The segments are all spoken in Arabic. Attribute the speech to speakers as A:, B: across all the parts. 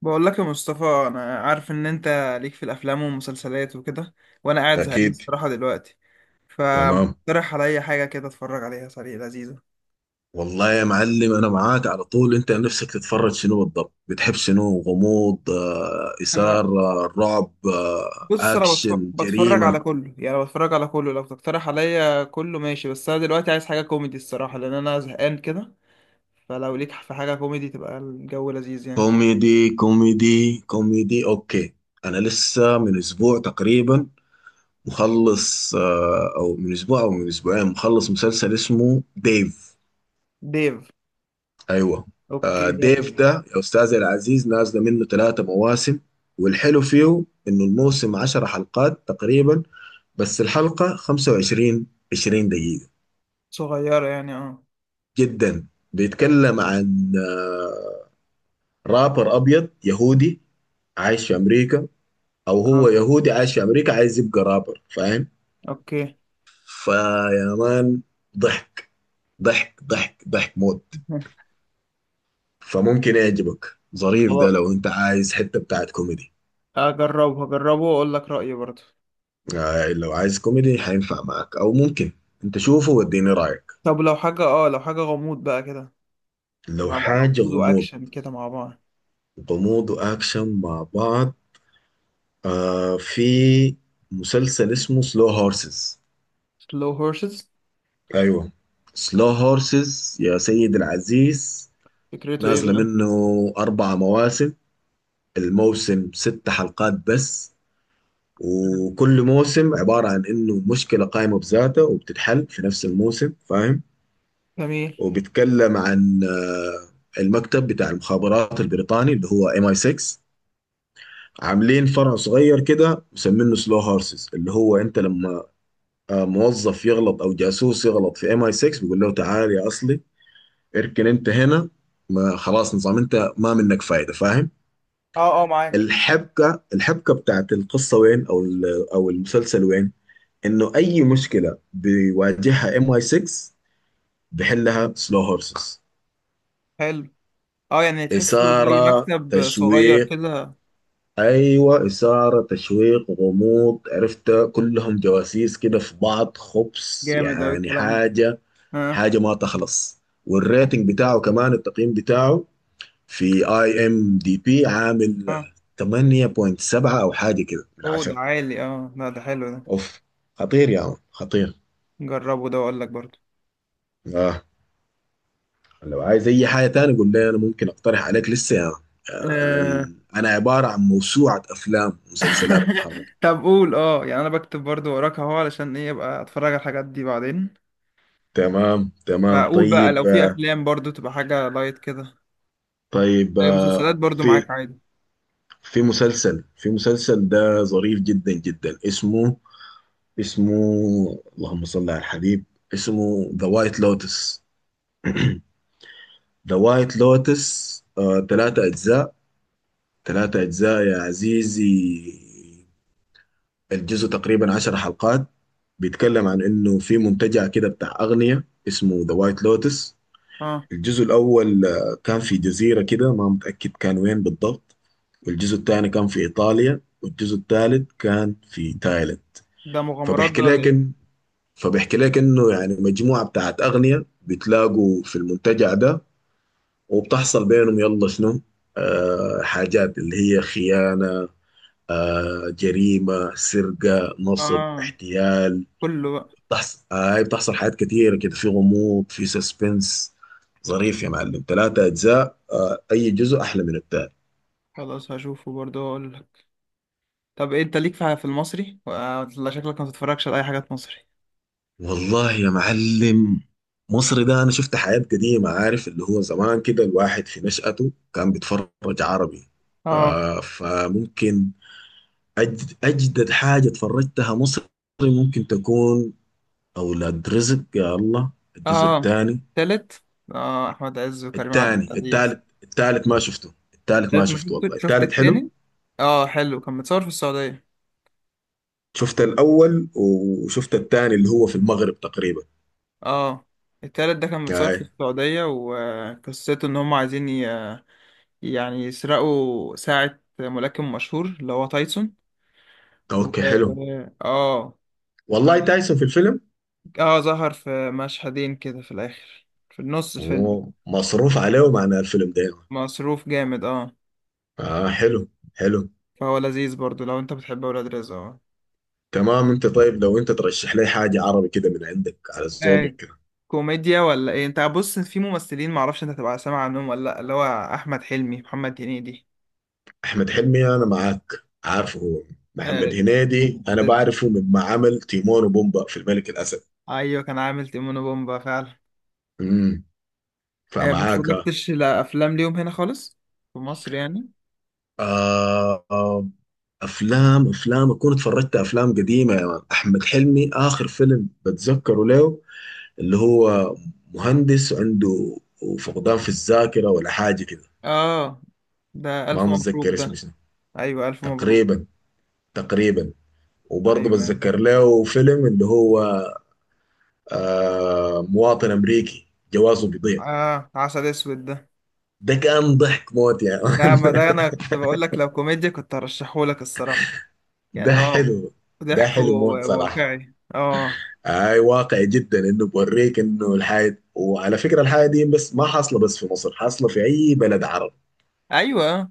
A: بقول لك يا مصطفى، انا عارف ان انت ليك في الافلام والمسلسلات وكده، وانا قاعد زهقان
B: اكيد.
A: الصراحه دلوقتي.
B: تمام.
A: فمقترح عليا حاجه كده اتفرج عليها سريع لذيذه.
B: والله يا معلم، انا معاك على طول. انت نفسك تتفرج شنو بالضبط؟ بتحب شنو؟ غموض،
A: انا
B: اثاره، رعب،
A: بص، انا
B: اكشن،
A: بتفرج
B: جريمه،
A: على كله، يعني بتفرج على كله لو تقترح عليا كله ماشي. بس انا دلوقتي عايز حاجه كوميدي الصراحه، لان انا زهقان كده. فلو ليك في حاجه كوميدي تبقى الجو لذيذ يعني.
B: كوميدي؟ كوميدي، كوميدي اوكي. انا لسه من اسبوع تقريبا مخلص، او من اسبوع او من اسبوعين مخلص مسلسل اسمه ديف.
A: ديف،
B: ايوه.
A: اوكي، ده فكرة.
B: ديف ده يا استاذي العزيز نازله منه ثلاثة مواسم. والحلو فيه انه الموسم 10 حلقات تقريبا، بس الحلقة 25 20 دقيقة،
A: صغيره يعني، اه
B: جدا. بيتكلم عن رابر أبيض يهودي عايش في أمريكا. أو هو
A: اه،
B: يهودي عايش في أمريكا عايز يبقى رابر، فاهم.
A: اوكي.
B: فيا مان، ضحك، ضحك ضحك ضحك موت. فممكن يعجبك، ظريف ده
A: خلاص
B: لو أنت عايز حتة بتاعت كوميدي.
A: اجربه، هجربه واقول لك رايي برضه.
B: لو عايز كوميدي حينفع معك، أو ممكن أنت شوفه واديني رأيك.
A: طب لو حاجة، لو حاجة غموض بقى كده،
B: لو
A: مع بعض،
B: حاجة
A: غموض
B: غموض،
A: وأكشن كده مع بعض.
B: غموض وأكشن مع بعض. في مسلسل اسمه سلو هورسز.
A: سلو هورسز،
B: ايوه. سلو هورسز يا سيد العزيز،
A: فكرته ايه
B: نازله
A: بقى؟
B: منه اربع مواسم. الموسم ست حلقات بس. وكل موسم عباره عن انه مشكله قائمه بذاتها وبتتحل في نفس الموسم، فاهم.
A: جميل.
B: وبيتكلم عن المكتب بتاع المخابرات البريطاني اللي هو ام اي 6. عاملين فرع صغير كده مسمينه سلو هورسز، اللي هو انت لما موظف يغلط او جاسوس يغلط في ام اي 6، بيقول له تعال يا اصلي، اركن انت هنا، ما خلاص، نظام انت ما منك فايده، فاهم.
A: اه اه، معاك.
B: الحبكه بتاعت القصه وين، او او المسلسل وين، انه اي مشكله بيواجهها ام اي 6 بحلها سلو هورسز.
A: حلو. اه يعني تحسه زي
B: اثاره،
A: مكتب صغير
B: تشويق.
A: كده.
B: ايوه، اثاره، تشويق، غموض، عرفت كلهم جواسيس كده في بعض، خبص
A: جامد أوي
B: يعني
A: الكلام ده،
B: حاجه
A: اه
B: حاجة ما تخلص.
A: اه.
B: والريتنج بتاعه كمان، التقييم بتاعه في IMDB عامل
A: آه.
B: 8.7 او حاجة كده من
A: اوه، ده
B: 10.
A: عالي اه، لا ده حلو ده.
B: اوف، خطير يا عم، خطير.
A: جربه ده وأقول لك برضه.
B: اه، لو عايز اي حاجة تاني قول لي، انا ممكن اقترح عليك لسه يا عم.
A: آه.
B: انا عبارة عن موسوعة افلام ومسلسلات متحركة.
A: طب قول، اه يعني انا بكتب برضه وراك اهو، علشان ايه ابقى اتفرج على الحاجات دي بعدين.
B: تمام، تمام،
A: فاقول بقى لو
B: طيب،
A: في افلام برضه تبقى حاجة لايت كده.
B: طيب،
A: أي مسلسلات برضه
B: في
A: معاك عادي.
B: في مسلسل ده ظريف جدا جدا. اسمه، اللهم صل على الحبيب، اسمه ذا وايت لوتس. ذا وايت لوتس، ثلاثة أجزاء، ثلاثة أجزاء يا عزيزي. الجزء تقريبا 10 حلقات. بيتكلم عن إنه في منتجع كده بتاع أغنية اسمه ذا وايت لوتس.
A: اه،
B: الجزء الأول كان في جزيرة كده، ما متأكد كان وين بالضبط، والجزء الثاني كان في إيطاليا، والجزء الثالث كان في تايلاند.
A: ده مغامرات ده
B: فبيحكي
A: ولا
B: لك
A: ايه؟
B: فبيحكي لك انه يعني مجموعه بتاعت اغنياء بتلاقوا في المنتجع ده، وبتحصل بينهم يلا شنو، حاجات اللي هي خيانه، جريمه، سرقه، نصب،
A: اه،
B: احتيال.
A: كله بقى.
B: بتحصل آه هاي بتحصل حاجات كتيره كده، في غموض، في سسبنس. ظريف يا معلم، ثلاثة أجزاء أي جزء أحلى من التاني.
A: خلاص هشوفه برضه، هقول لك. طب إيه، انت ليك في في المصري، ولا شكلك ما تتفرجش على اي حاجات مصري؟
B: والله يا معلم، مصر ده انا شفت حياة قديمة، عارف اللي هو زمان كده الواحد في نشأته كان بيتفرج عربي. ف-
A: اه
B: فممكن اجدد حاجة اتفرجتها مصري ممكن تكون اولاد رزق، يا الله. الجزء
A: اه،
B: الثاني،
A: تالت. اه، احمد عز وكريم عبد
B: الثاني،
A: العزيز.
B: الثالث، الثالث ما شفته، الثالث ما
A: التالت ما
B: شفته والله،
A: شفت، شفت
B: الثالث حلو.
A: التاني. اه حلو، كان متصور في السعودية.
B: شفت الاول وشفت الثاني اللي هو في المغرب تقريبا.
A: اه، التالت ده كان متصور
B: آه.
A: في السعودية، وقصته ان هم عايزين يعني يسرقوا ساعة ملاكم مشهور اللي هو تايسون. و...
B: اوكي حلو.
A: اه.
B: والله تايسون في الفيلم؟
A: اه، ظهر في مشهدين كده في الاخر، في النص الفيلم.
B: هو مصروف عليهم عن الفيلم ده.
A: مصروف جامد اه.
B: اه حلو، حلو.
A: فهو لذيذ برضو لو انت بتحب اولاد رزق، اه.
B: تمام، انت طيب، لو انت ترشح لي حاجة عربي كده من عندك، على
A: آه،
B: ذوقك كده.
A: كوميديا ولا ايه؟ انت بص، في ممثلين معرفش انت تبقى سامع عنهم ولا لا، اللي هو احمد حلمي، محمد هنيدي.
B: احمد حلمي انا معاك، عارفه هو.
A: آه،
B: محمد هنيدي انا
A: ت-
B: بعرفه مما عمل تيمون وبومبا في الملك الاسد.
A: ايوه، كان عامل تيمون وبومبا فعلا.
B: امم.
A: آه، ما
B: فمعاك.
A: اتفرجتش لافلام ليهم هنا خالص، في مصر يعني.
B: آه آه، افلام اكون اتفرجت افلام قديمة يا مان. احمد حلمي اخر فيلم بتذكره له اللي هو مهندس عنده فقدان في الذاكرة ولا حاجة كده،
A: اه، ده
B: ما
A: الف مبروك
B: متذكر اسمه
A: ده.
B: شنو،
A: ايوه الف مبروك.
B: تقريبا، تقريبا. وبرضه
A: ايوه يعني.
B: بتذكر له فيلم اللي هو مواطن امريكي جوازه بيضيع.
A: اه، عسل اسود ده،
B: ده كان ضحك موت يعني.
A: ده ما ده انا كنت بقول لك لو كوميديا كنت هرشحه لك الصراحه.
B: ده
A: يعني هو
B: حلو. ده
A: ضحك
B: حلو موت صراحه.
A: وواقعي اه.
B: اي واقعي جدا انه بوريك انه الحاجه، وعلى فكره الحاجه دي بس ما حاصله، بس في مصر حاصله في اي بلد عربي
A: ايوه،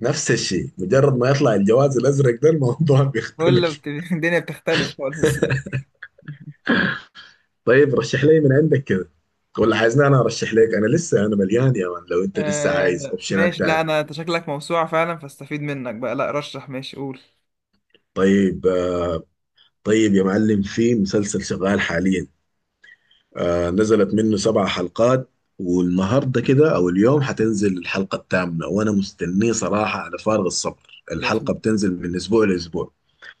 B: نفس الشيء، مجرد ما يطلع الجواز الازرق ده الموضوع
A: كل
B: بيختلف.
A: الدنيا بتختلف خالص.
B: طيب رشح لي من عندك كده، ولا عايزني انا ارشح لك؟ انا لسه، انا مليان يا مان، لو انت لسه عايز
A: آه
B: اوبشنات
A: ماشي، لا
B: تاني.
A: انا، انت شكلك موسوعه فعلا، فاستفيد منك بقى، لا رشح ماشي، قول.
B: طيب، طيب يا معلم، في مسلسل شغال حاليا، نزلت منه سبع حلقات، والنهارده كده او اليوم حتنزل الحلقه الثامنه، وانا مستنيه صراحه على فارغ الصبر.
A: ده اسمه
B: الحلقه
A: إيه؟
B: بتنزل من اسبوع لاسبوع.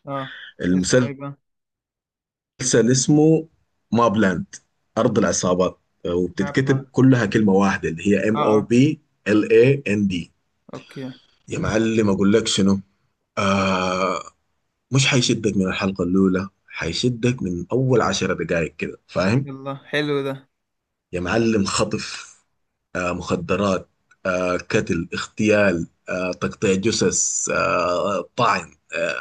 A: اه، اسمه
B: المسلسل
A: ايه بقى؟
B: اسمه ماب لاند، ارض العصابات، وبتتكتب
A: بلان،
B: كلها كلمه واحده اللي هي ام
A: اه
B: او
A: اه،
B: بي ال اي ان دي
A: اوكي.
B: يا معلم، اقول لك شنو، آه مش حيشدك من الحلقة الأولى، حيشدك من أول 10 دقائق كده، فاهم.
A: يلا حلو ده.
B: يا معلم، خطف، مخدرات، قتل، اغتيال، تقطيع جثث، طعن،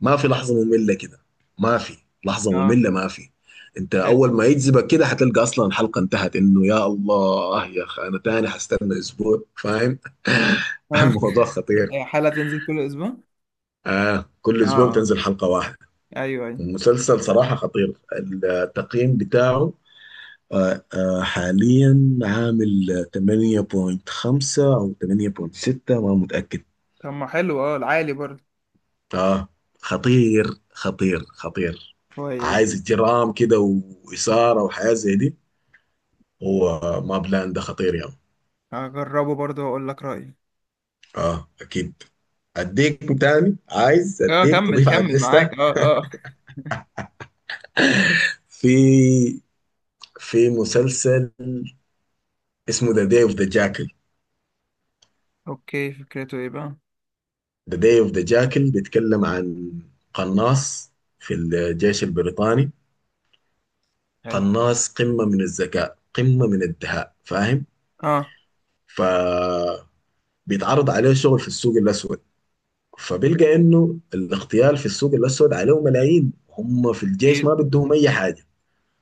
B: ما في لحظة مملة كده. ما في لحظة
A: اه،
B: مملة، ما في. انت اول
A: حلو
B: ما يجذبك كده حتلقى اصلا الحلقة انتهت، انه يا الله يا اخي انا تاني حستنى اسبوع، فاهم.
A: اه.
B: الموضوع خطير.
A: هي حلقه تنزل كل اسبوع؟
B: آه، كل
A: اه
B: اسبوع
A: اه،
B: بتنزل حلقة واحدة.
A: ايوه ايوه.
B: المسلسل صراحة خطير. التقييم بتاعه حاليا عامل 8.5 أو 8.6 ما متأكد.
A: طب ما حلو اه، العالي برضه.
B: آه خطير، خطير، خطير.
A: كويس.
B: عايز جرام كده وإثارة وحياة زي دي. هو ما بلان ده خطير يعني.
A: هجربه برضه واقول لك رأيي.
B: آه، أكيد. أديك تاني، عايز
A: اه،
B: أديك
A: كمل
B: تضيف على
A: كمل، معاك
B: الليستة.
A: اه اه.
B: في في مسلسل اسمه ذا داي اوف ذا جاكل.
A: اوكي، فكرته ايه بقى؟
B: ذا داي اوف ذا جاكل بيتكلم عن قناص في الجيش البريطاني.
A: حلو،
B: قناص، قمة من الذكاء، قمة من الدهاء، فاهم.
A: اه.
B: فبيتعرض عليه شغل في السوق الأسود، فبيلقى إنه الاغتيال في السوق الأسود عليه ملايين، هم في الجيش
A: ايه،
B: ما بدهم أي حاجة.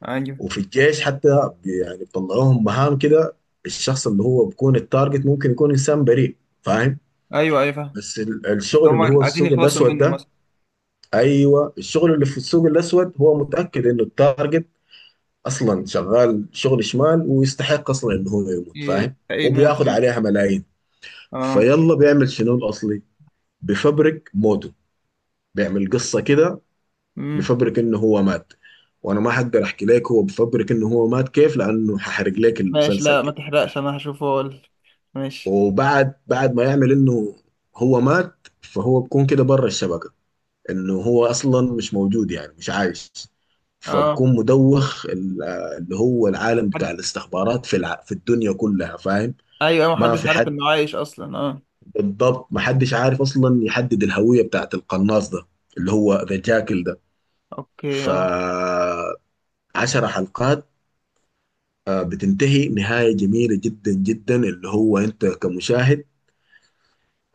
A: ايوه
B: وفي الجيش حتى يعني بيطلعوهم مهام كده، الشخص اللي هو بيكون التارجت ممكن يكون إنسان بريء، فاهم.
A: ايوه. ايوه فاهم.
B: بس
A: بس
B: الشغل اللي
A: هما
B: هو في
A: عايزين
B: السوق
A: يخلصوا
B: الأسود
A: منه
B: ده،
A: مثلا.
B: ايوه، الشغل اللي في السوق الاسود هو متاكد انه التارجت اصلا شغال شغل شمال ويستحق اصلا انه هو يموت،
A: ايه
B: فاهم.
A: ايه، موت
B: وبياخد
A: يعني.
B: عليها ملايين.
A: اه.
B: فيلا بيعمل شنو الاصلي، بفبرك موته، بيعمل قصه كده،
A: امم.
B: بفبرك انه هو مات. وانا ما حقدر احكي لك هو بفبرك انه هو مات كيف، لانه هحرق لك
A: ماشي،
B: المسلسل
A: لا ما
B: كده.
A: تحرقش، انا هشوفه اقول. ماشي.
B: وبعد ما يعمل انه هو مات، فهو بكون كده بره الشبكه، انه هو اصلا مش موجود، يعني مش عايش.
A: اه،
B: فبكون مدوخ اللي هو العالم
A: محد...
B: بتاع الاستخبارات في في الدنيا كلها، فاهم.
A: ايوه، ما
B: ما
A: حدش
B: في
A: عارف
B: حد،
A: انه عايش اصلا، اه.
B: بالضبط ما حدش عارف اصلا يحدد الهوية بتاعت القناص ده اللي هو ذا جاكل ده.
A: اوكي
B: ف
A: اه.
B: 10 حلقات، بتنتهي نهاية جميلة جدا جدا، اللي هو انت كمشاهد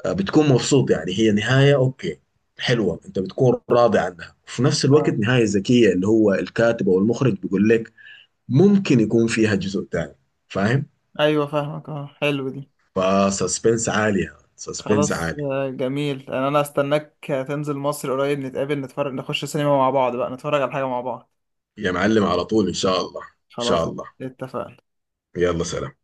B: بتكون مبسوط. يعني هي نهاية اوكي، حلوة، انت بتكون راضي عنها، وفي نفس الوقت
A: اه،
B: نهاية ذكية اللي هو الكاتب او المخرج بيقول لك ممكن يكون فيها جزء تاني، فاهم.
A: ايوه فاهمك، اه حلو دي.
B: فسسبنس عالي يعني، سسبنس
A: خلاص
B: عالي.
A: آه، جميل، انا انا استناك. تنزل مصر قريب نتقابل، نتفرج، نخش سينما مع بعض بقى، نتفرج على حاجة مع بعض.
B: يا معلم على طول، ان شاء الله، ان شاء
A: خلاص،
B: الله.
A: اتفقنا.
B: يلا سلام.